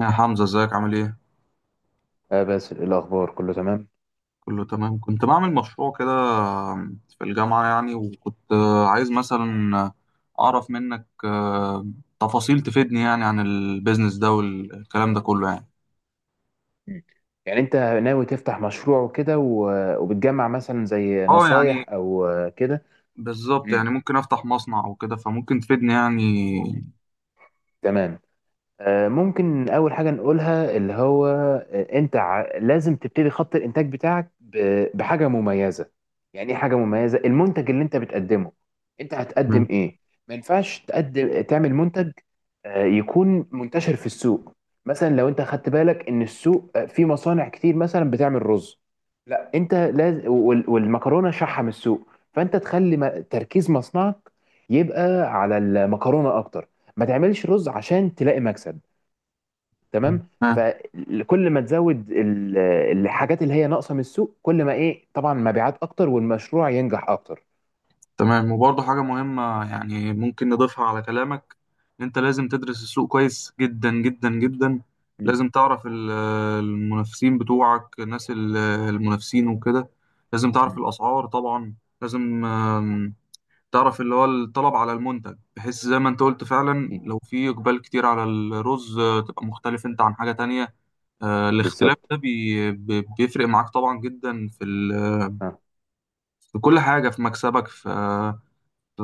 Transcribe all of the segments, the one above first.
يا حمزة ازيك عامل ايه؟ اه، بس إيه الاخبار؟ كله تمام؟ كله تمام. كنت بعمل مشروع كده في الجامعة يعني، وكنت عايز مثلا أعرف منك تفاصيل تفيدني يعني عن البيزنس ده والكلام ده كله يعني. مم. يعني انت ناوي تفتح مشروع وكده و- وبتجمع مثلا زي اه، يعني نصايح او كده؟ بالظبط مم. يعني، ممكن أفتح مصنع أو كده، فممكن تفيدني يعني. تمام. ممكن اول حاجه نقولها اللي هو انت لازم تبتدي خط الانتاج بتاعك ب- بحاجه مميزه. يعني ايه حاجه مميزه؟ المنتج اللي انت بتقدمه، انت هتقدم ايه؟ ما ينفعش تقدم تعمل منتج يكون منتشر في السوق. مثلا لو انت خدت بالك ان السوق فيه مصانع كتير مثلا بتعمل رز. لا، انت لازم وال- والمكرونه شحم السوق، فانت تخلي تركيز مصنعك يبقى على المكرونه اكتر. ما تعملش رز عشان تلاقي مكسب. تمام. فكل ما تزود ال- الحاجات اللي هي ناقصه من السوق، كل ما ايه؟ طبعا مبيعات اكتر والمشروع ينجح اكتر. تمام، وبرضه حاجة مهمة يعني ممكن نضيفها على كلامك، إن أنت لازم تدرس السوق كويس جدا جدا جدا. م- لازم تعرف المنافسين بتوعك، الناس المنافسين وكده. لازم تعرف م. الأسعار طبعا. لازم تعرف اللي هو الطلب على المنتج، بحيث زي ما أنت قلت فعلا، أكيد. لو في إقبال كتير على الرز تبقى مختلف أنت عن حاجة تانية. الاختلاف بالظبط. ده بيفرق معاك طبعا جدا في اه. في كل حاجة، في مكسبك، في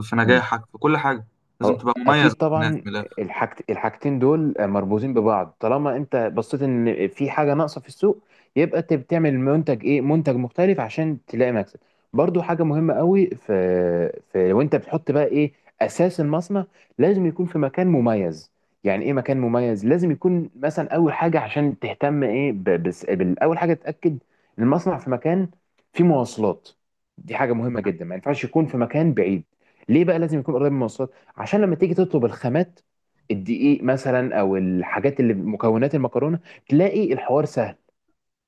في نجاحك، في كل حاجة. لازم هو تبقى مميز عن اكيد الناس طبعا. من الآخر. الحاجتين دول مربوطين ببعض، طالما انت بصيت ان في حاجه ناقصه في السوق، يبقى انت بتعمل منتج ايه؟ منتج مختلف عشان تلاقي مكسب. برضو حاجه مهمه قوي في وانت بتحط بقى ايه اساس المصنع، لازم يكون في مكان مميز. يعني ايه مكان مميز؟ لازم يكون مثلا اول حاجه عشان تهتم ايه، بس بالاول حاجه تتاكد ان المصنع في مكان فيه مواصلات. دي حاجه مهمه جدا. ما ينفعش يكون في مكان بعيد. ليه بقى لازم يكون قريب من المواصلات؟ عشان لما تيجي تطلب الخامات، الدقيق مثلا او الحاجات اللي مكونات المكرونه، تلاقي الحوار سهل.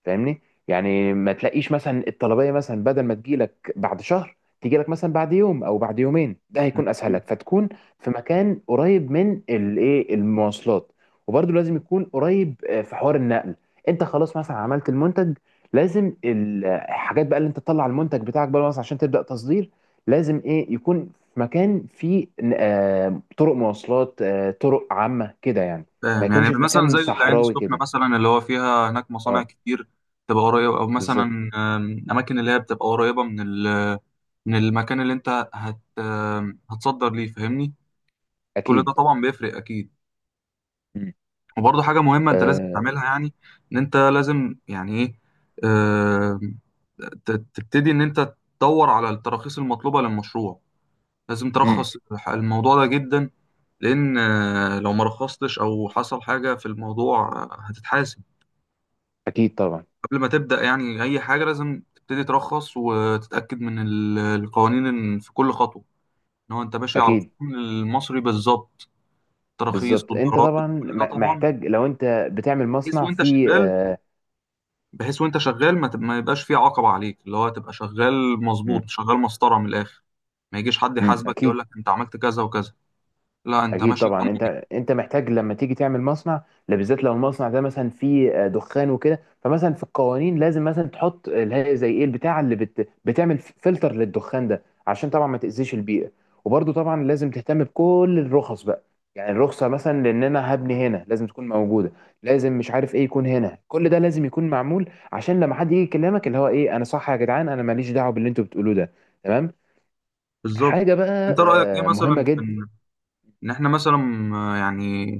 فاهمني؟ يعني ما تلاقيش مثلا الطلبيه مثلا بدل ما تجيلك بعد شهر تجيلك مثلا بعد يوم او بعد يومين. ده هيكون اسهل م. لك، فتكون في مكان قريب من الايه، المواصلات. وبرده لازم يكون قريب في حوار النقل. انت خلاص مثلا عملت المنتج، لازم الحاجات بقى اللي انت تطلع المنتج بتاعك بقى مثلا عشان تبدا تصدير، لازم ايه يكون في مكان فيه طرق مواصلات، طرق عامه كده يعني. ما فاهم يعني، يكونش في مثلا مكان زي العين صحراوي السخنة كده. مثلا، اللي هو فيها هناك مصانع اه. كتير، تبقى قريبة، أو مثلا بالظبط. أماكن اللي هي بتبقى قريبة من من المكان اللي أنت هت آم، هتصدر ليه، فاهمني. كل ده اكيد. طبعا بيفرق أكيد. مم. وبرضه حاجة مهمة أنت لازم تعملها آه. يعني، إن أنت لازم يعني إيه، آم، تبتدي إن أنت تدور على التراخيص المطلوبة للمشروع. لازم مم. ترخص الموضوع ده جدا. لأن لو ما رخصتش أو حصل حاجة في الموضوع هتتحاسب. اكيد طبعا. قبل ما تبدأ يعني أي حاجة، لازم تبتدي ترخص وتتأكد من القوانين، إن في كل خطوة إن هو أنت ماشي على اكيد. القانون المصري بالظبط، تراخيص بالظبط. انت والضرائب طبعا وكل ده طبعا. محتاج، لو انت بتعمل بحيث مصنع وأنت في. شغال آه. بحيث وأنت شغال ما يبقاش في عقبة عليك، اللي هو تبقى شغال مظبوط، مم. شغال مسطرة من الآخر. ما يجيش حد مم. يحاسبك يقول اكيد. لك أنت عملت كذا وكذا، لا أنت اكيد ماشي قانون. طبعا. انت محتاج لما تيجي تعمل مصنع، لا بالذات لو المصنع ده مثلا فيه دخان وكده. فمثلا في القوانين لازم مثلا تحط اللي هي زي ايه، البتاعه اللي بتعمل فلتر للدخان ده عشان طبعا ما تاذيش البيئه. وبرده طبعا لازم تهتم بكل الرخص بقى. يعني الرخصه مثلا لان انا هبني هنا لازم تكون موجوده، لازم مش عارف ايه يكون هنا. كل ده لازم يكون معمول عشان لما حد يجي يكلمك اللي هو ايه، انا صح يا جدعان، انا ماليش دعوه باللي انتوا بتقولوه ده. تمام. بالظبط. حاجه بقى انت رايك ايه مهمه مثلا في جدا. ان احنا مثلا يعني،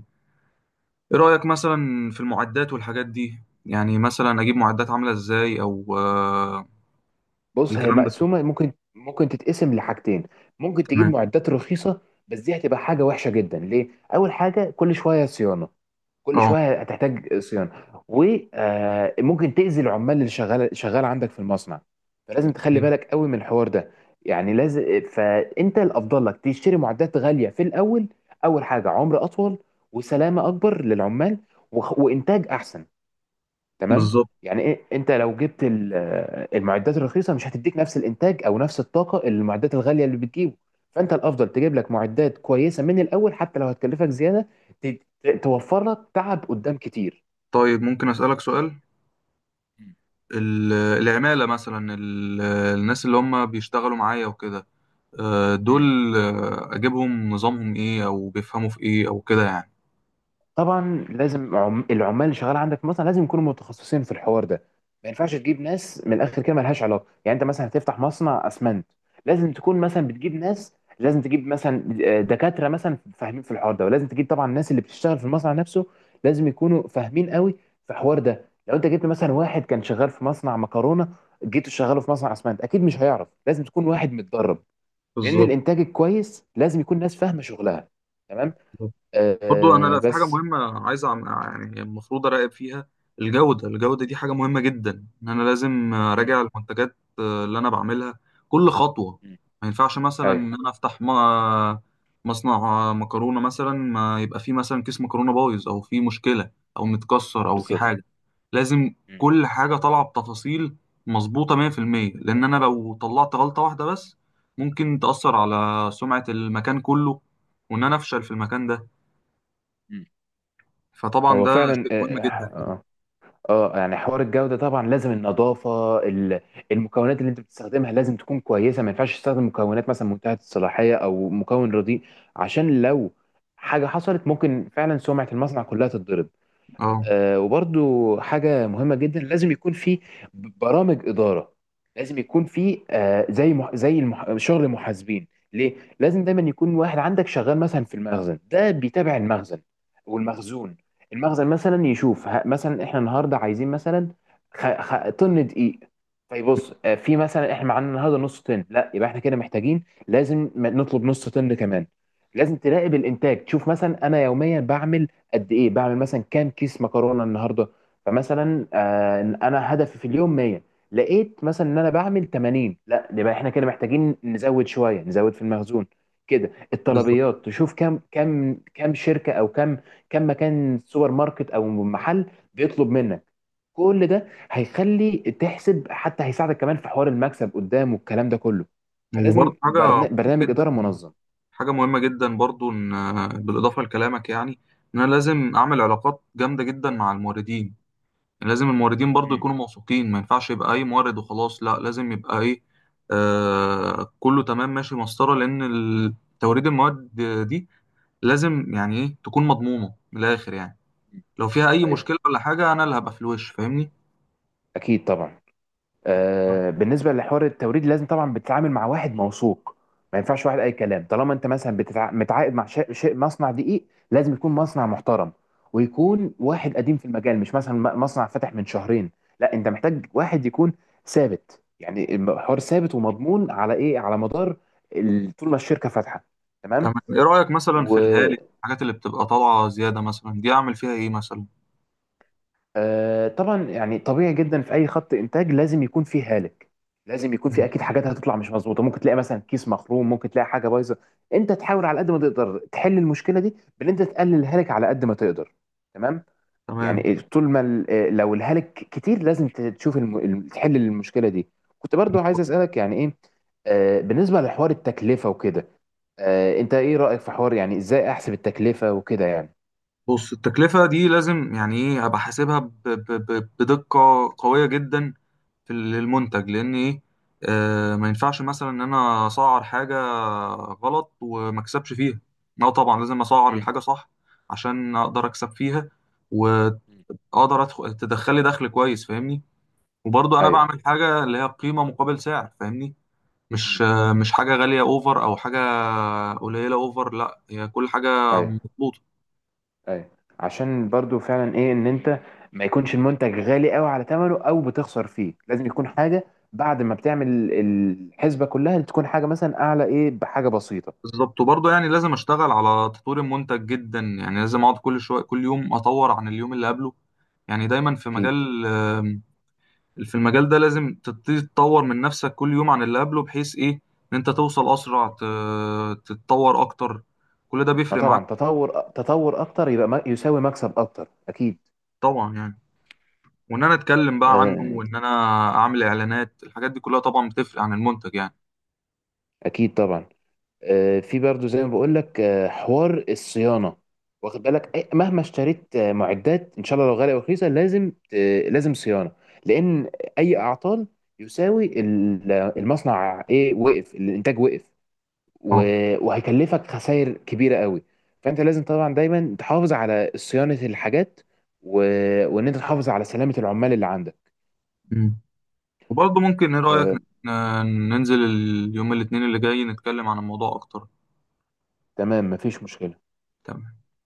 ايه رايك مثلا في المعدات والحاجات دي يعني، مثلا اجيب معدات عامله ازاي او بص هي الكلام ده كله؟ مقسومه، ممكن تتقسم لحاجتين. ممكن تجيب تمام. معدات رخيصه، بس دي هتبقى حاجه وحشه جدا، ليه؟ اول حاجه كل شويه صيانه. كل اه، شويه هتحتاج صيانه، وممكن تاذي العمال اللي شغال شغال عندك في المصنع. فلازم تخلي بالك قوي من الحوار ده. يعني لازم، فانت الافضل لك تشتري معدات غاليه في الاول. اول حاجه عمر اطول، وسلامه اكبر للعمال، وخ- وانتاج احسن. تمام. بالظبط. يعني ايه، انت لو جبت المعدات الرخيصه مش هتديك نفس الانتاج او نفس الطاقه اللي المعدات الغاليه اللي بتجيبه. فانت الافضل تجيب لك معدات كويسه من الاول، حتى لو هتكلفك زياده، توفر لك تعب قدام كتير. طيب ممكن اسالك سؤال؟ العماله مثلا، الناس اللي هم بيشتغلوا معايا وكده مم. دول اجيبهم نظامهم ايه، او بيفهموا في ايه، او كده يعني؟ طبعا لازم العمال اللي شغال عندك مثلا لازم يكونوا متخصصين في الحوار ده. ما ينفعش تجيب ناس من الاخر كده ملهاش علاقه. يعني انت مثلا هتفتح مصنع اسمنت، لازم تكون مثلا بتجيب ناس، لازم تجيب مثلا دكاتره مثلا فاهمين في الحوار ده. ولازم تجيب طبعا الناس اللي بتشتغل في المصنع نفسه لازم يكونوا فاهمين قوي في الحوار ده. لو انت جبت مثلا واحد كان شغال في مصنع مكرونه جيت شغاله في مصنع اسمنت اكيد مش هيعرف. لازم تكون واحد متدرب، لان بالظبط. الانتاج الكويس لازم يكون ناس فاهمه شغلها. تمام. برضو انا، لا، في حاجه بس. مهمه عايز يعني المفروض اراقب فيها، الجوده. الجوده دي حاجه مهمه جدا، ان انا لازم مم. اراجع المنتجات اللي انا بعملها كل خطوه. مم. ما ينفعش مثلا ايوه. ان انا افتح مصنع مكرونه مثلا، ما يبقى فيه مثلا كيس مكرونه بايظ، او فيه مشكله، او متكسر، او فيه بالظبط. حاجه. لازم مم. كل حاجه طالعه بتفاصيل مظبوطه 100%، لان انا لو طلعت غلطه واحده بس، ممكن تاثر على سمعه المكان كله، وان انا افشل في المكان ده. مم. فطبعا هو ده فعلا شيء اه. مهم جدا. آه، يعني حوار الجودة طبعا لازم النظافة، المكونات اللي انت بتستخدمها لازم تكون كويسة. ما ينفعش تستخدم مكونات مثلا منتهية الصلاحية او مكون رديء، عشان لو حاجة حصلت ممكن فعلا سمعة المصنع كلها تتضرب. اه، وبرضو حاجة مهمة جدا لازم يكون في برامج إدارة. لازم يكون في زي مح... زي المح... شغل المحاسبين. ليه؟ لازم دايما يكون واحد عندك شغال مثلا في المخزن ده بيتابع المخزن والمخزون. المخزن مثلا يشوف مثلا احنا النهارده عايزين مثلا طن دقيق. طيب بص، في مثلا احنا معانا النهارده نص طن، لا يبقى احنا كده محتاجين لازم نطلب نص طن كمان. لازم تراقب الانتاج، تشوف مثلا انا يوميا بعمل قد ايه، بعمل مثلا كام كيس مكرونه النهارده. فمثلا انا هدفي في اليوم 100، لقيت مثلا ان انا بعمل 80، لا يبقى احنا كده محتاجين نزود شويه، نزود في المخزون. كده بالظبط. الطلبيات تشوف كم شركه او كم مكان سوبر ماركت او محل بيطلب منك. كل ده هيخلي تحسب، حتى هيساعدك كمان في حوار المكسب قدام والكلام ده كله. وبرضه فلازم برنامج جدا اداره منظم. حاجه مهمه جدا برضه، ان بالاضافه لكلامك يعني، ان انا لازم اعمل علاقات جامده جدا مع الموردين. يعني لازم الموردين برضه مم. يكونوا موثوقين، ما ينفعش يبقى اي مورد وخلاص، لا لازم يبقى ايه، كله تمام، ماشي مسطره، لان توريد المواد دي لازم يعني ايه تكون مضمونه من الاخر يعني. لو فيها اي ايوه. مشكله ولا حاجه، انا اللي هبقى في الوش، فاهمني. اكيد طبعا. بالنسبه لحوار التوريد لازم طبعا بتتعامل مع واحد موثوق. ما ينفعش واحد اي كلام. طالما انت مثلا متعاقد مع شيء مصنع دقيق، لازم يكون مصنع محترم ويكون واحد قديم في المجال، مش مثلا مصنع فتح من شهرين. لا، انت محتاج واحد يكون ثابت. يعني الحوار ثابت ومضمون على ايه، على مدار طول ما الشركه فاتحه. تمام. تمام. ايه رأيك مثلا و... في الهالك، الحاجات اللي بتبقى طالعة زيادة مثلا، دي اعمل فيها ايه مثلا؟ طبعا يعني طبيعي جدا في اي خط انتاج لازم يكون فيه هالك، لازم يكون فيه مم. اكيد حاجات هتطلع مش مظبوطه. ممكن تلاقي مثلا كيس مخروم، ممكن تلاقي حاجه بايظه. انت تحاول على قد ما تقدر تحل المشكله دي بان انت تقلل الهالك على قد ما تقدر. تمام. تمام. يعني طول ما لو الهالك كتير لازم تشوف تحل المشكله دي. كنت برضو عايز اسالك يعني ايه بالنسبه لحوار التكلفه وكده. انت ايه رايك في حوار يعني ازاي احسب التكلفه وكده يعني؟ بص، التكلفة دي لازم يعني ايه ابقى حاسبها بدقة قوية جدا في المنتج، لان ايه، ما ينفعش مثلا ان انا اسعر حاجة غلط وما اكسبش فيها. لا طبعا لازم اسعر مم. الحاجة صح عشان اقدر اكسب فيها، واقدر مم. أدخل تدخلي دخل كويس، فاهمني. وبرضو انا ايوه. بعمل حاجة اللي هي قيمة مقابل سعر، فاهمني، مش مم. مش حاجة غالية اوفر او حاجة مم. قليلة اوفر، لا هي كل حاجة ايوه، مظبوطة. ايوه. عشان برضو فعلا ايه، ان انت ما يكونش المنتج غالي قوي على ثمنه او بتخسر فيه، لازم يكون حاجه بعد ما بتعمل الحسبه كلها تكون حاجه مثلا اعلى ايه بحاجه بسيطه. بالظبط. وبرضه يعني لازم اشتغل على تطوير المنتج جدا، يعني لازم اقعد كل شوية كل يوم اطور عن اليوم اللي قبله. يعني دايما في اكيد. مجال آم، في المجال ده لازم تبتدي تطور من نفسك كل يوم عن اللي قبله، بحيث ايه ان انت توصل اسرع، تتطور اكتر، كل ده ما بيفرق معاك. طبعا تطور تطور اكتر يبقى يساوي مكسب اكتر. اكيد. طبعا يعني. وان انا اتكلم بقى عنه، آه، وان انا اعمل اعلانات، الحاجات دي كلها طبعا بتفرق عن المنتج يعني. اكيد طبعا. في برضو زي ما بقول لك حوار الصيانه. واخد بالك، مهما اشتريت معدات ان شاء الله لو غاليه او رخيصه، لازم صيانه. لان اي اعطال يساوي المصنع ايه، وقف الانتاج وقف، و- وهيكلفك خسائر كبيره قوي. فانت لازم طبعا دايما تحافظ على صيانه الحاجات و- وان انت تحافظ على سلامه العمال اللي عندك. اه، وبرضه ممكن، ايه رأيك آه، ن- ننزل اليوم الاثنين اللي جاي نتكلم عن الموضوع اكتر؟ تمام. مفيش مشكله. تمام.